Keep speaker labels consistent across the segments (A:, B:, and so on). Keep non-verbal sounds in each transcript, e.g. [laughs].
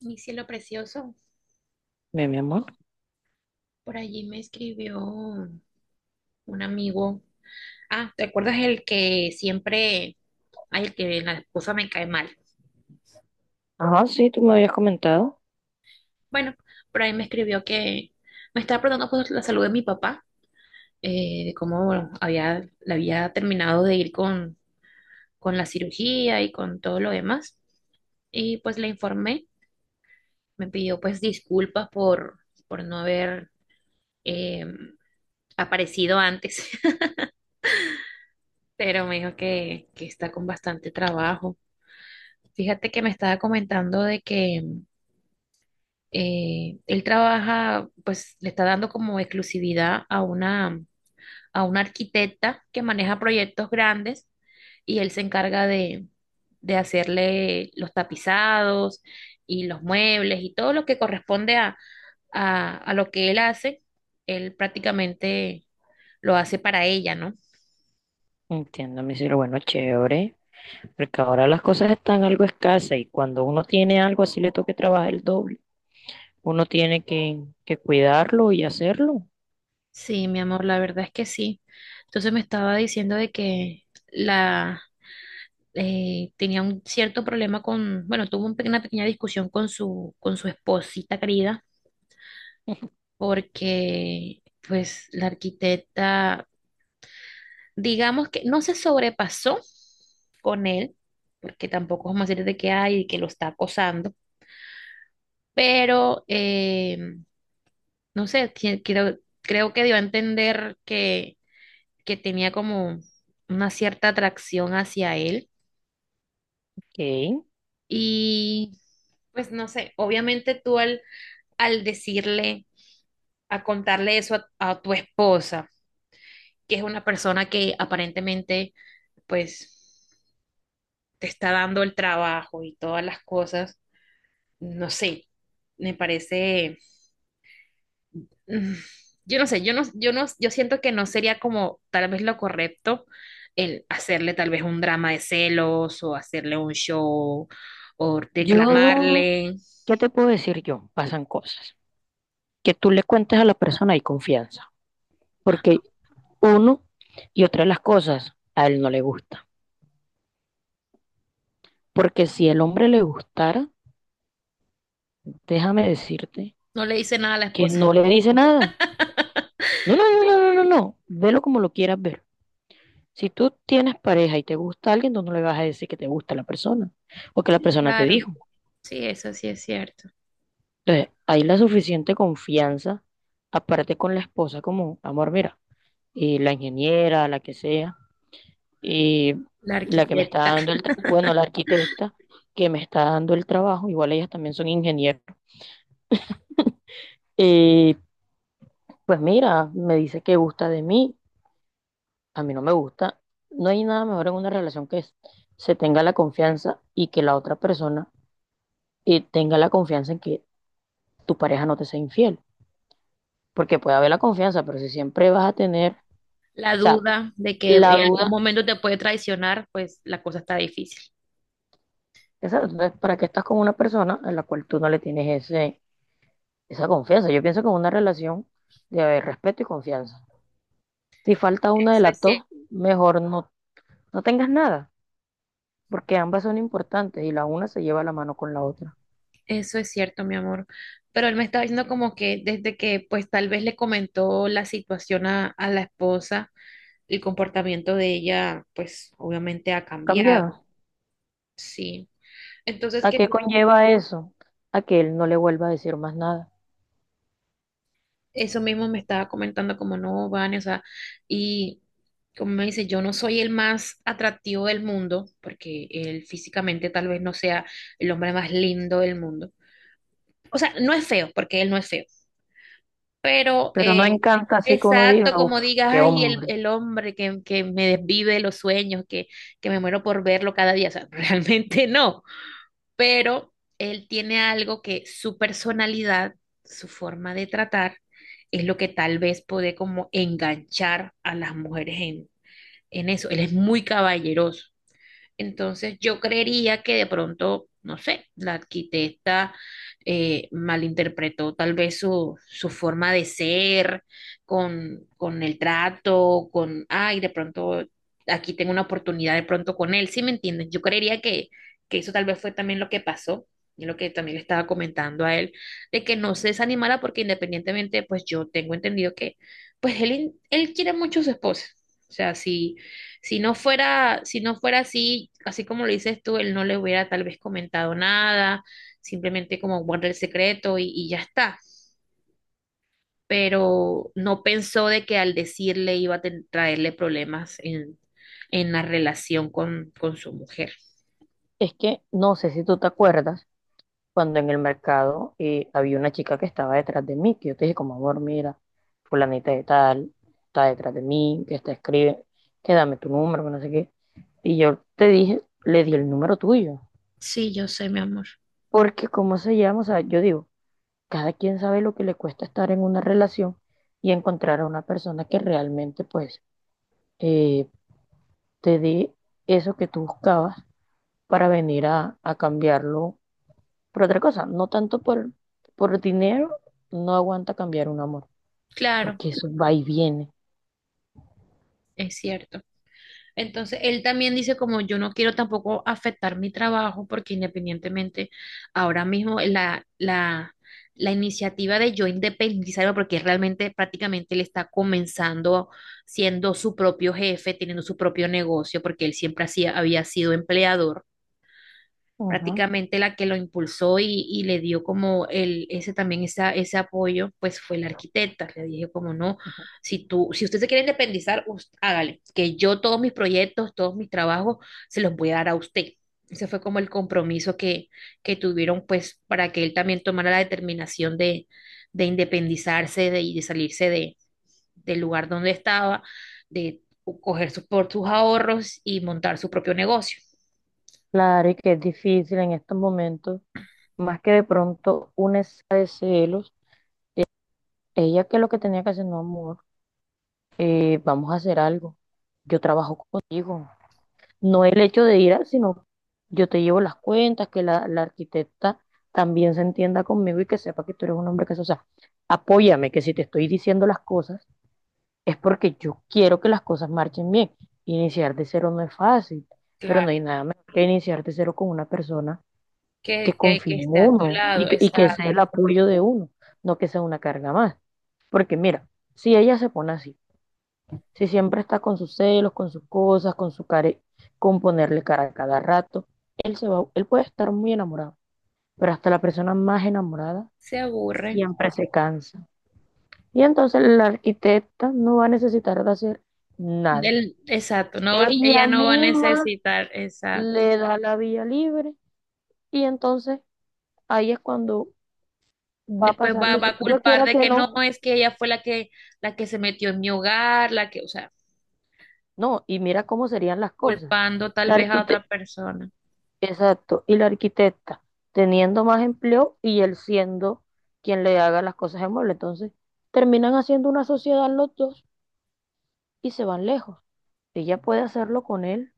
A: Mi cielo precioso,
B: Bien, mi amor.
A: por allí me escribió un amigo. Ah, ¿te acuerdas el que siempre, ay, el que la esposa me cae mal?
B: Ajá, sí, tú me habías comentado.
A: Bueno, por ahí me escribió que me estaba preguntando por la salud de mi papá, de cómo había, le había terminado de ir con la cirugía y con todo lo demás. Y pues le informé, me pidió pues disculpas por no haber eh, aparecido antes, [laughs] pero me dijo que está con bastante trabajo. Fíjate que me estaba comentando de que él trabaja, pues le está dando como exclusividad a a una arquitecta que maneja proyectos grandes, y él se encarga de hacerle los tapizados y los muebles y todo lo que corresponde a lo que él hace, él prácticamente lo hace para ella, ¿no?
B: Entiendo, mi cielo. Bueno, chévere. Porque ahora las cosas están algo escasas y cuando uno tiene algo así le toca trabajar el doble. Uno tiene que cuidarlo y hacerlo.
A: Sí, mi amor, la verdad es que sí. Entonces me estaba diciendo de que la tenía un cierto problema con, bueno, tuvo una pequeña discusión con con su esposita querida, porque pues la arquitecta, digamos que no se sobrepasó con él, porque tampoco vamos a decir de que hay, y que lo está acosando, pero no sé, creo que dio a entender que tenía como una cierta atracción hacia él.
B: Ok.
A: Y pues no sé, obviamente tú al al decirle, a contarle eso a tu esposa, que es una persona que aparentemente, pues, te está dando el trabajo y todas las cosas, no sé, me parece, mm, yo no sé, yo no, yo no, yo siento que no sería como tal vez lo correcto el hacerle tal vez un drama de celos o hacerle un show o
B: Yo,
A: reclamarle.
B: ¿qué te puedo decir yo? Pasan cosas. Que tú le cuentes a la persona y confianza. Porque uno y otra de las cosas a él no le gusta. Porque si el hombre le gustara, déjame decirte
A: No le dice nada a la
B: que
A: esposa.
B: no le dice nada. No, no, no, no, no, no, no. Velo como lo quieras ver. Si tú tienes pareja y te gusta alguien, tú no le vas a decir que te gusta la persona o que la
A: Sí,
B: persona te
A: claro,
B: dijo.
A: sí, eso sí es cierto.
B: Entonces, hay la suficiente confianza, aparte con la esposa, como, amor, mira, y la ingeniera, la que sea, y
A: La
B: la que me está
A: arquitecta.
B: dando el, tra- bueno, la arquitecta que me está dando el trabajo, igual ellas también son ingenieras. Eh, pues mira, me dice que gusta de mí. A mí no me gusta. No hay nada mejor en una relación que es- se tenga la confianza y que la otra persona tenga la confianza en que tu pareja no te sea infiel. Porque puede haber la confianza, pero si siempre vas a tener,
A: La
B: o sea,
A: duda de que
B: la
A: en algún
B: duda,
A: momento te puede traicionar, pues la cosa está difícil.
B: esa, entonces, ¿para qué estás con una persona a la cual tú no le tienes ese, esa confianza? Yo pienso que en una relación debe haber respeto y confianza. Si falta una de las dos, mejor no, no tengas nada, porque ambas son importantes y la una se lleva la mano con la otra.
A: Eso es cierto, mi amor. Pero él me estaba diciendo como que desde que pues tal vez le comentó la situación a la esposa, el comportamiento de ella pues obviamente ha
B: ¿Has
A: cambiado.
B: cambiado?
A: Sí. Entonces
B: ¿A
A: que
B: qué
A: no,
B: conlleva eso? A que él no le vuelva a decir más nada.
A: eso mismo me estaba comentando como no, Vane, o sea, y como me dice, yo no soy el más atractivo del mundo, porque él físicamente tal vez no sea el hombre más lindo del mundo. O sea, no es feo, porque él no es feo, pero
B: Pero no encanta así que uno
A: exacto,
B: diga, uff,
A: como digas,
B: qué
A: ay,
B: hombre.
A: el hombre que me desvive los sueños, que me muero por verlo cada día, o sea, [laughs] realmente no, pero él tiene algo que su personalidad, su forma de tratar, es lo que tal vez puede como enganchar a las mujeres en eso. Él es muy caballeroso. Entonces yo creería que de pronto, no sé, la arquitecta malinterpretó tal vez su forma de ser con el trato, con, ay, de pronto aquí tengo una oportunidad de pronto con él, ¿sí me entiendes? Yo creería que eso tal vez fue también lo que pasó. Y lo que también le estaba comentando a él, de que no se desanimara porque independientemente, pues yo tengo entendido que, él quiere mucho a su esposa. O sea, sí, si no fuera así, así como lo dices tú, él no le hubiera tal vez comentado nada, simplemente como guarda el secreto y ya está. Pero no pensó de que al decirle iba a traerle problemas en la relación con su mujer.
B: Es que no sé si tú te acuerdas cuando en el mercado había una chica que estaba detrás de mí, que yo te dije como, amor, mira, fulanita de tal, está detrás de mí, que está escribe, que dame tu número, que no sé qué. Y yo te dije, le di el número tuyo.
A: Sí, yo sé, mi amor.
B: Porque cómo se llama, o sea, yo digo, cada quien sabe lo que le cuesta estar en una relación y encontrar a una persona que realmente pues eh, te dé eso que tú buscabas para venir a cambiarlo por otra cosa, no tanto por dinero, no aguanta cambiar un amor,
A: Claro,
B: porque eso va y viene.
A: es cierto. Entonces, él también dice como yo no quiero tampoco afectar mi trabajo porque independientemente ahora mismo la iniciativa de yo independizarme, porque realmente prácticamente él está comenzando siendo su propio jefe, teniendo su propio negocio porque él siempre había sido empleador.
B: Ujú.
A: Prácticamente la que lo impulsó y le dio como el, ese también esa, ese apoyo, pues fue la arquitecta. Le dije como no, si usted se quiere independizar, hágale, que yo todos mis proyectos, todos mis trabajos se los voy a dar a usted. Ese fue como el compromiso que tuvieron pues para que él también tomara la determinación de independizarse de, y de salirse de, del lugar donde estaba, de coger sus, por sus ahorros y montar su propio negocio.
B: Claro, y que es difícil en estos momentos, más que de pronto una escala de celos, ella que lo que tenía que hacer, no amor, vamos a hacer algo, yo trabajo contigo. No el hecho de ir, sino yo te llevo las cuentas, que la arquitecta también se entienda conmigo y que sepa que tú eres un hombre que, o sea, apóyame, que si te estoy diciendo las cosas es porque yo quiero que las cosas marchen bien. Iniciar de cero no es fácil, pero no
A: Claro
B: hay nada mejor que iniciar de cero con una persona que
A: que
B: confíe en
A: esté a tu
B: uno y
A: lado,
B: que sea el
A: exacto.
B: apoyo de uno, no que sea una carga más. Porque mira, si ella se pone así, si siempre está con sus celos, con sus cosas, con su care, con ponerle cara a cada rato, él se va, él puede estar muy enamorado, pero hasta la persona más enamorada
A: Se aburre.
B: siempre se cansa. Y entonces la arquitecta no va a necesitar de hacer nada.
A: Exacto, no va,
B: Ella
A: ella no va a
B: misma
A: necesitar, exacto.
B: le da la vía libre y entonces ahí es cuando va a
A: Después
B: pasar lo
A: va
B: que
A: a
B: yo
A: culpar
B: quiera
A: de
B: que
A: que no,
B: no.
A: es que ella fue la que se metió en mi hogar, la que, o sea,
B: No, y mira cómo serían las cosas.
A: culpando tal
B: La
A: vez a
B: arquite-
A: otra persona,
B: Exacto, y la arquitecta teniendo más empleo y él siendo quien le haga las cosas de mueble. Entonces, terminan haciendo una sociedad los dos y se van lejos. Ella puede hacerlo con él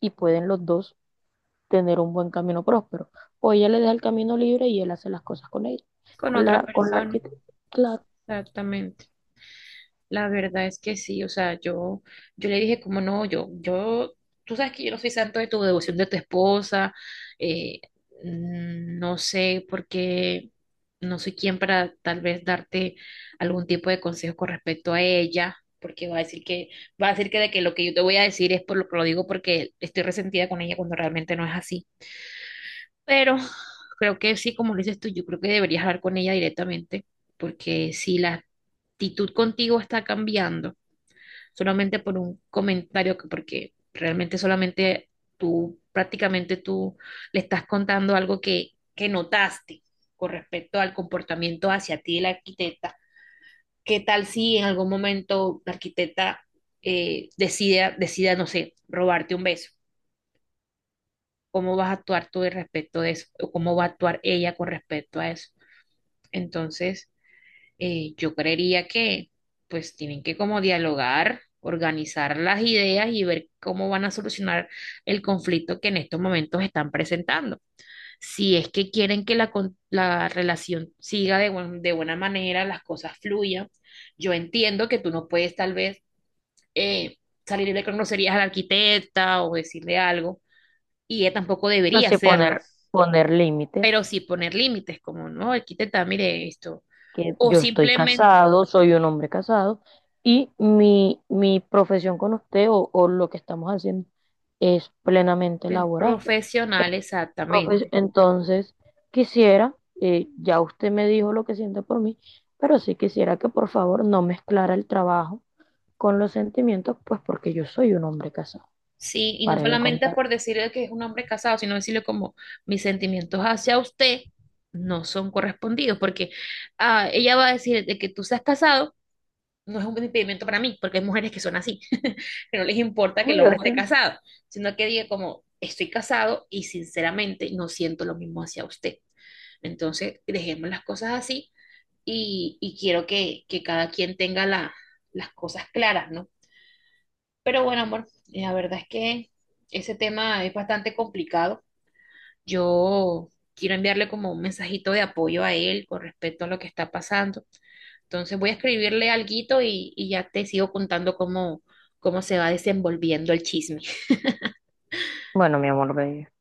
B: y pueden los dos tener un buen camino próspero. O ella le deja el camino libre y él hace las cosas con ella,
A: con otra
B: con la
A: persona,
B: arquitecta. Claro.
A: exactamente. La verdad es que sí, o sea, yo le dije como no, tú sabes que yo no soy santo de tu devoción de tu esposa, eh, no sé por qué, no soy quien para tal vez darte algún tipo de consejo con respecto a ella, porque va a decir que de que lo que yo te voy a decir es por lo que lo digo porque estoy resentida con ella cuando realmente no es así. Pero [laughs] creo que sí, como lo dices tú, yo creo que deberías hablar con ella directamente, porque si la actitud contigo está cambiando, solamente por un comentario, porque realmente solamente prácticamente tú le estás contando algo que notaste con respecto al comportamiento hacia ti de la arquitecta. ¿Qué tal si en algún momento la arquitecta decida, no sé, robarte un beso? ¿Cómo vas a actuar tú al respecto de eso? ¿O cómo va a actuar ella con respecto a eso? Entonces… yo creería que pues tienen que como dialogar, organizar las ideas y ver cómo van a solucionar el conflicto que en estos momentos están presentando. Si es que quieren que la relación siga de, de buena manera, las cosas fluyan, yo entiendo que tú no puedes tal vez eh, salirle con groserías a la arquitecta o decirle algo, y ella tampoco
B: No
A: debería
B: sé, poner,
A: hacerlo,
B: poner límites.
A: pero sí poner límites, como, no, arquitecta, mire esto.
B: Que
A: O
B: yo estoy
A: simplemente
B: casado, soy un hombre casado y mi profesión con usted o lo que estamos haciendo es plenamente
A: el
B: laboral.
A: profesional,
B: Profe-
A: exactamente.
B: Entonces, quisiera, ya usted me dijo lo que siente por mí, pero sí quisiera que por favor no mezclara el trabajo con los sentimientos, pues porque yo soy un hombre casado,
A: Sí, y no
B: para de
A: solamente
B: contar.
A: por decirle que es un hombre casado, sino decirle como mis sentimientos hacia usted no son correspondidos, porque ah, ella va a decir de que tú seas casado no es un impedimento para mí, porque hay mujeres que son así, [laughs] que no les importa que el
B: Uy,
A: hombre
B: o
A: esté
B: sea,
A: casado, sino que diga como estoy casado y sinceramente no siento lo mismo hacia usted. Entonces, dejemos las cosas así y quiero que cada quien tenga las cosas claras, ¿no? Pero bueno, amor, la verdad es que ese tema es bastante complicado. Yo quiero enviarle como un mensajito de apoyo a él con respecto a lo que está pasando. Entonces voy a escribirle alguito y ya te sigo contando cómo se va desenvolviendo el chisme.
B: bueno, mi amor, ve.